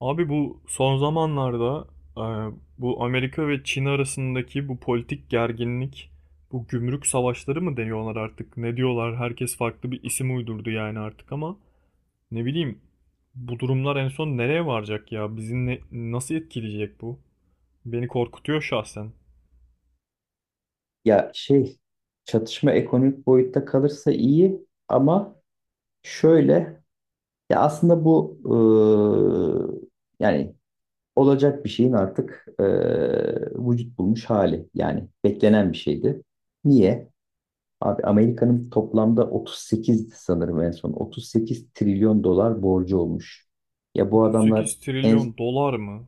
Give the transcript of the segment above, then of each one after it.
Abi bu son zamanlarda e, bu Amerika ve Çin arasındaki bu politik gerginlik, bu gümrük savaşları mı deniyorlar artık? Ne diyorlar? Herkes farklı bir isim uydurdu yani artık ama ne bileyim bu durumlar en son nereye varacak ya? Bizi nasıl etkileyecek bu? Beni korkutuyor şahsen. Ya şey Çatışma ekonomik boyutta kalırsa iyi ama şöyle, ya aslında bu yani olacak bir şeyin artık vücut bulmuş hali, yani beklenen bir şeydi. Niye? Abi Amerika'nın toplamda 38, sanırım en son 38 trilyon dolar borcu olmuş. Ya bu adamlar 38 en trilyon dolar mı?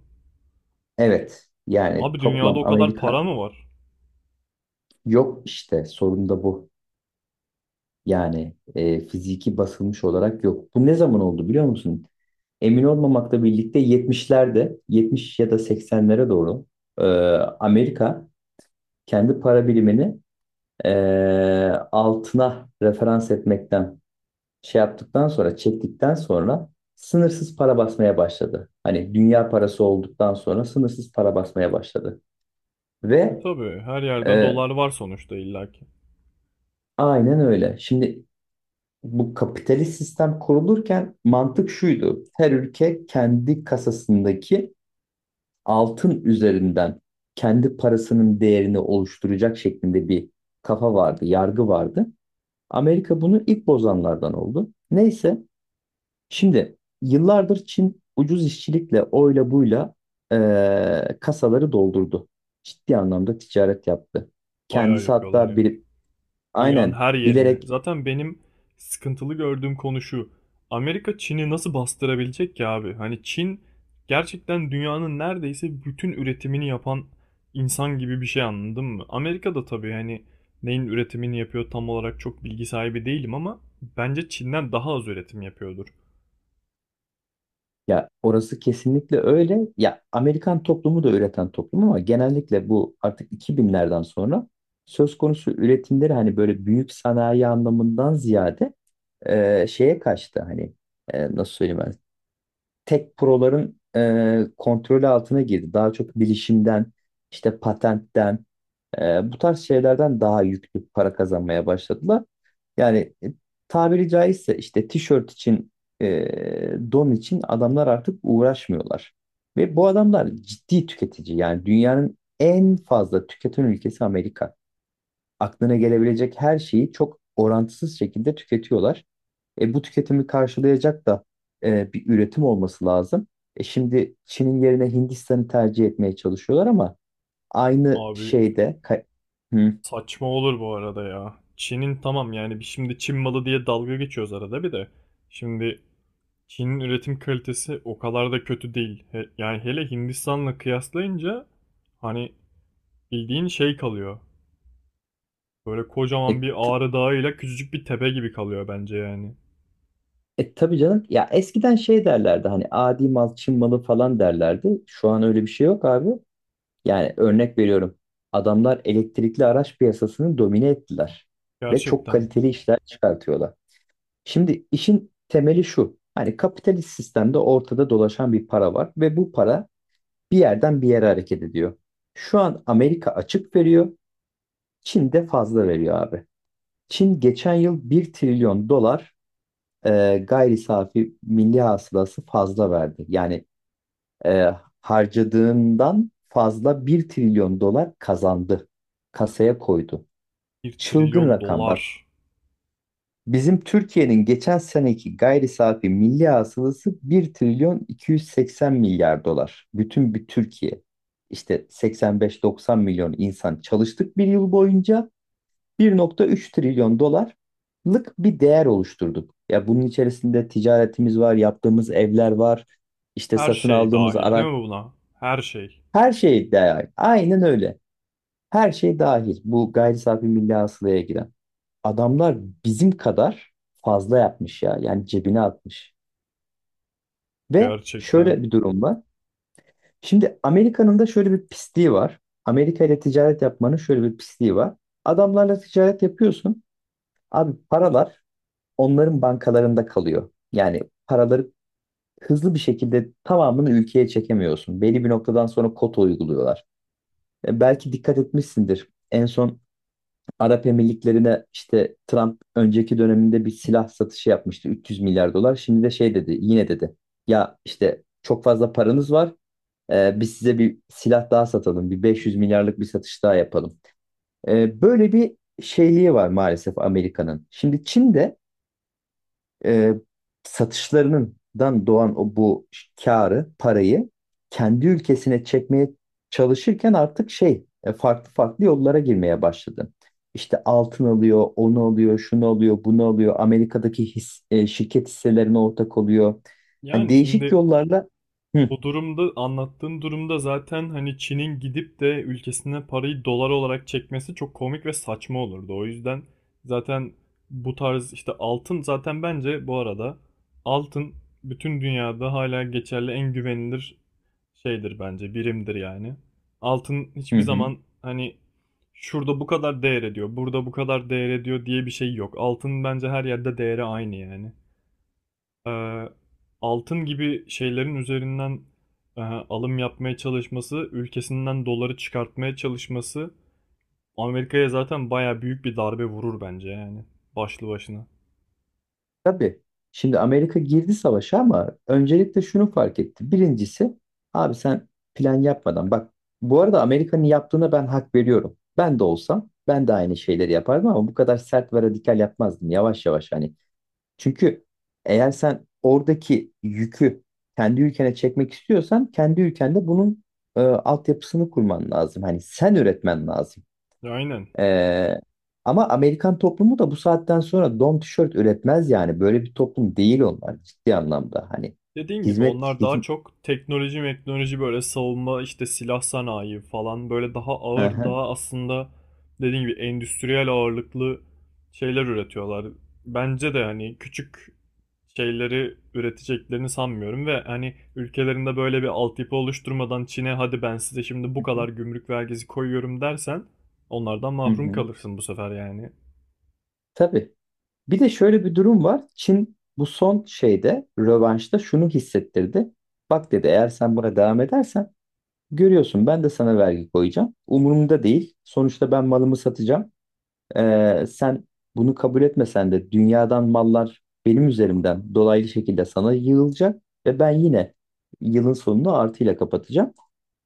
evet, yani Abi dünyada toplam o kadar para Amerika mı var? yok işte, sorun da bu. Yani fiziki basılmış olarak yok. Bu ne zaman oldu biliyor musun? Emin olmamakla birlikte 70'lerde, 70 ya da 80'lere doğru e, Amerika kendi para birimini e, altına referans etmekten şey yaptıktan sonra, çektikten sonra sınırsız para basmaya başladı. Hani dünya parası olduktan sonra sınırsız para basmaya başladı. E Ve tabii her yerde e, dolar var sonuçta illaki. aynen öyle. Şimdi bu kapitalist sistem kurulurken mantık şuydu. Her ülke kendi kasasındaki altın üzerinden kendi parasının değerini oluşturacak şeklinde bir kafa vardı, yargı vardı. Amerika bunu ilk bozanlardan oldu. Neyse, şimdi yıllardır Çin ucuz işçilikle, oyla buyla kasaları doldurdu. Ciddi anlamda ticaret yaptı. Bayağı Kendisi yapıyorlar hatta ya. bir, Dünyanın aynen, her yerine. bilerek. Zaten benim sıkıntılı gördüğüm konu şu. Amerika Çin'i nasıl bastırabilecek ki abi? Hani Çin gerçekten dünyanın neredeyse bütün üretimini yapan insan gibi bir şey anladın mı? Amerika da tabii hani neyin üretimini yapıyor tam olarak çok bilgi sahibi değilim ama bence Çin'den daha az üretim yapıyordur. Ya orası kesinlikle öyle. Ya Amerikan toplumu da üreten toplum ama genellikle bu artık 2000'lerden sonra söz konusu üretimleri, hani böyle büyük sanayi anlamından ziyade şeye kaçtı, hani nasıl söyleyeyim ben, tek proların kontrolü altına girdi. Daha çok bilişimden, işte patentten, bu tarz şeylerden daha yüklü para kazanmaya başladılar. Yani tabiri caizse işte tişört için, e, don için adamlar artık uğraşmıyorlar. Ve bu adamlar ciddi tüketici. Yani dünyanın en fazla tüketen ülkesi Amerika. Aklına gelebilecek her şeyi çok orantısız şekilde tüketiyorlar. Bu tüketimi karşılayacak da bir üretim olması lazım. Şimdi Çin'in yerine Hindistan'ı tercih etmeye çalışıyorlar ama aynı Abi şeyde... Hı. saçma olur bu arada ya. Çin'in tamam yani şimdi Çin malı diye dalga geçiyoruz arada bir de. Şimdi Çin'in üretim kalitesi o kadar da kötü değil. Yani hele Hindistan'la kıyaslayınca hani bildiğin şey kalıyor. Böyle kocaman E, bir Ağrı Dağı'yla küçücük bir tepe gibi kalıyor bence yani. Tabii canım ya, eskiden şey derlerdi, hani adi mal Çin malı falan derlerdi. Şu an öyle bir şey yok abi. Yani örnek veriyorum. Adamlar elektrikli araç piyasasını domine ettiler ve çok Gerçekten kaliteli işler çıkartıyorlar. Şimdi işin temeli şu. Hani kapitalist sistemde ortada dolaşan bir para var ve bu para bir yerden bir yere hareket ediyor. Şu an Amerika açık veriyor, Çin de fazla veriyor abi. Çin geçen yıl 1 trilyon dolar gayri safi milli hasılası fazla verdi. Yani e, harcadığından fazla 1 trilyon dolar kazandı. Kasaya koydu. bir Çılgın trilyon rakam bak. dolar. Bizim Türkiye'nin geçen seneki gayri safi milli hasılası 1 trilyon 280 milyar dolar. Bütün bir Türkiye. İşte 85-90 milyon insan çalıştık bir yıl boyunca. 1.3 trilyon dolarlık bir değer oluşturduk. Ya bunun içerisinde ticaretimiz var, yaptığımız evler var, işte Her satın şey aldığımız dahil değil araç, mi buna? Her şey. her şey dahil. Aynen öyle. Her şey dahil. Bu gayri safi milli hasılaya giren. Adamlar bizim kadar fazla yapmış ya. Yani cebine atmış. Ve Gerçekten. şöyle bir durum var. Şimdi Amerika'nın da şöyle bir pisliği var. Amerika ile ticaret yapmanın şöyle bir pisliği var. Adamlarla ticaret yapıyorsun. Abi paralar onların bankalarında kalıyor. Yani paraları hızlı bir şekilde tamamını ülkeye çekemiyorsun. Belli bir noktadan sonra kota uyguluyorlar. Belki dikkat etmişsindir. En son Arap Emirlikleri'ne işte Trump önceki döneminde bir silah satışı yapmıştı, 300 milyar dolar. Şimdi de şey dedi, yine dedi. Ya işte çok fazla paranız var. Biz size bir silah daha satalım. Bir 500 milyarlık bir satış daha yapalım. Böyle bir şeyliği var maalesef Amerika'nın. Şimdi Çin'de e, satışlarından doğan o bu karı, parayı kendi ülkesine çekmeye çalışırken artık farklı farklı yollara girmeye başladı. İşte altın alıyor, onu alıyor, şunu alıyor, bunu alıyor. Amerika'daki şirket hisselerine ortak oluyor. Hani Yani değişik şimdi yollarla. Hı o durumda, anlattığın durumda zaten hani Çin'in gidip de ülkesine parayı dolar olarak çekmesi çok komik ve saçma olurdu. O yüzden zaten bu tarz işte altın, zaten bence bu arada altın bütün dünyada hala geçerli en güvenilir şeydir, bence birimdir yani. Altın hı. hiçbir Hı. zaman hani şurada bu kadar değer ediyor, burada bu kadar değer ediyor diye bir şey yok. Altın bence her yerde değeri aynı yani e, altın gibi şeylerin üzerinden alım yapmaya çalışması, ülkesinden doları çıkartmaya çalışması Amerika'ya zaten baya büyük bir darbe vurur bence yani başlı başına. Tabii. Şimdi Amerika girdi savaşa ama öncelikle şunu fark etti. Birincisi abi sen plan yapmadan, bak bu arada Amerika'nın yaptığına ben hak veriyorum. Ben de olsam ben de aynı şeyleri yapardım ama bu kadar sert ve radikal yapmazdım. Yavaş yavaş hani. Çünkü eğer sen oradaki yükü kendi ülkene çekmek istiyorsan kendi ülkende bunun altyapısını kurman lazım. Hani sen üretmen lazım. Aynen. Ee, Ama Amerikan toplumu da bu saatten sonra don tişört üretmez yani. Böyle bir toplum değil onlar ciddi anlamda. Hani Dediğin gibi hizmet onlar daha hizmet. çok teknoloji böyle, savunma işte silah sanayi falan, böyle daha Hı ağır, hı. daha aslında dediğin gibi endüstriyel ağırlıklı şeyler üretiyorlar. Bence de hani küçük şeyleri üreteceklerini sanmıyorum ve hani ülkelerinde böyle bir altyapı oluşturmadan Çin'e hadi ben size şimdi bu Hı hı. kadar gümrük vergisi koyuyorum dersen onlardan Hı mahrum hı. kalırsın bu sefer yani. Tabii. Bir de şöyle bir durum var. Çin bu son şeyde, rövanşta şunu hissettirdi. Bak dedi, eğer sen buna devam edersen görüyorsun ben de sana vergi koyacağım. Umurumda değil. Sonuçta ben malımı satacağım. Sen bunu kabul etmesen de dünyadan mallar benim üzerimden dolaylı şekilde sana yığılacak ve ben yine yılın sonunu artıyla kapatacağım.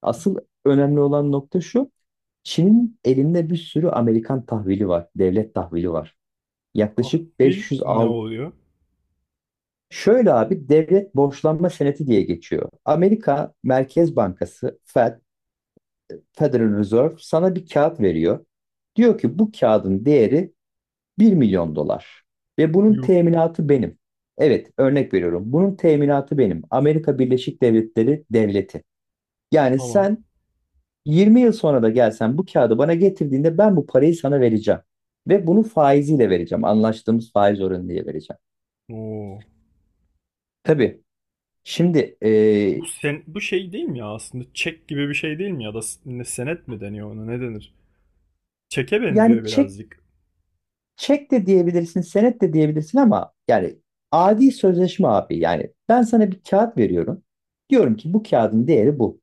Asıl önemli olan nokta şu. Çin'in elinde bir sürü Amerikan tahvili var, devlet tahvili var. Yaklaşık Tahvil 500 ne al. oluyor? Şöyle abi, devlet borçlanma senedi diye geçiyor. Amerika Merkez Bankası Fed, Federal Reserve sana bir kağıt veriyor. Diyor ki bu kağıdın değeri 1 milyon dolar ve bunun Yuh. teminatı benim. Evet, örnek veriyorum. Bunun teminatı benim. Amerika Birleşik Devletleri devleti. Yani Tamam. sen 20 yıl sonra da gelsen bu kağıdı bana getirdiğinde ben bu parayı sana vereceğim. Ve bunu faiziyle vereceğim. Anlaştığımız faiz oranı diye vereceğim. Oo. Tabii. Şimdi Bu, sen, bu şey değil mi ya aslında? Çek gibi bir şey değil mi ya da ne, senet mi deniyor ona, ne denir? Çeke benziyor yani çek birazcık. çek de diyebilirsin, senet de diyebilirsin ama yani adi sözleşme abi. Yani ben sana bir kağıt veriyorum. Diyorum ki bu kağıdın değeri bu.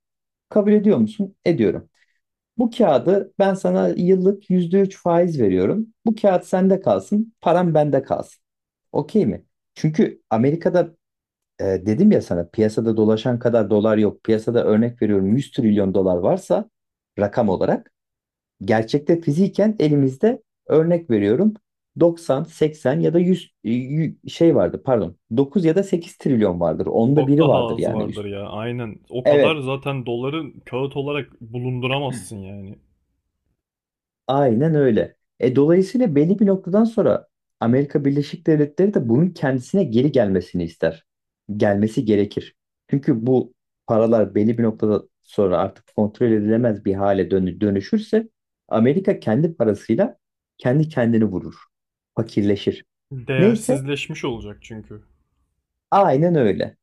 Kabul ediyor musun? Ediyorum. Bu kağıdı ben sana yıllık %3 faiz veriyorum. Bu kağıt sende kalsın, param bende kalsın. Okey mi? Çünkü Amerika'da dedim ya sana, piyasada dolaşan kadar dolar yok. Piyasada örnek veriyorum 100 trilyon dolar varsa rakam olarak, gerçekte fiziken elimizde örnek veriyorum 90, 80 ya da 100 şey vardı pardon, 9 ya da 8 trilyon vardır. Onda Çok biri daha vardır azı yani vardır üst. ya, aynen. O kadar Evet, zaten doları kağıt olarak bulunduramazsın yani. aynen öyle. Dolayısıyla belli bir noktadan sonra Amerika Birleşik Devletleri de bunun kendisine geri gelmesini ister. Gelmesi gerekir. Çünkü bu paralar belli bir noktada sonra artık kontrol edilemez bir hale dönüşürse Amerika kendi parasıyla kendi kendini vurur. Fakirleşir. Neyse, Değersizleşmiş olacak çünkü. aynen öyle.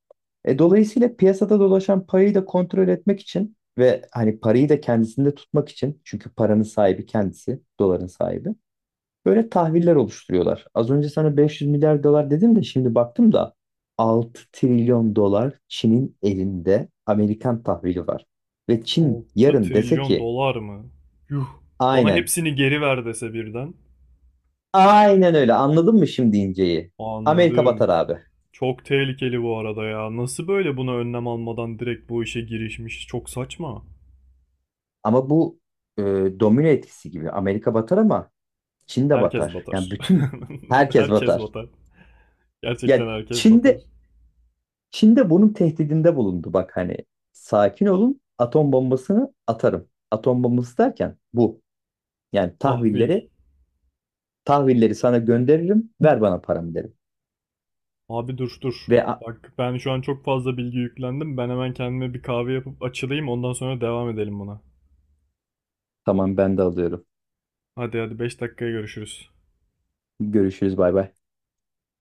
Dolayısıyla piyasada dolaşan parayı da kontrol etmek için ve hani parayı da kendisinde tutmak için, çünkü paranın sahibi kendisi, doların sahibi. Böyle tahviller oluşturuyorlar. Az önce sana 500 milyar dolar dedim de şimdi baktım da 6 trilyon dolar Çin'in elinde Amerikan tahvili var. Ve Çin altı yarın dese trilyon ki dolar mı? Yuh. Bana aynen, hepsini geri ver dese birden. aynen öyle, anladın mı şimdi inceyi? Amerika batar Anladım. abi. Çok tehlikeli bu arada ya. Nasıl böyle buna önlem almadan direkt bu işe girişmiş? Çok saçma. Ama bu e, domino etkisi gibi Amerika batar ama Çin de Herkes batar. Yani batar. bütün herkes Herkes batar. batar. Gerçekten Ya herkes batar. Çin'de Çin de bunun tehdidinde bulundu. Bak hani sakin olun, atom bombasını atarım. Atom bombası derken bu. Yani Tahvil. tahvilleri sana gönderirim, ver bana paramı derim. Abi dur dur. Ve "A- Bak ben şu an çok fazla bilgi yüklendim. Ben hemen kendime bir kahve yapıp açılayım. Ondan sonra devam edelim buna. tamam, ben de alıyorum. Hadi hadi, 5 dakikaya görüşürüz. Görüşürüz, bay bay.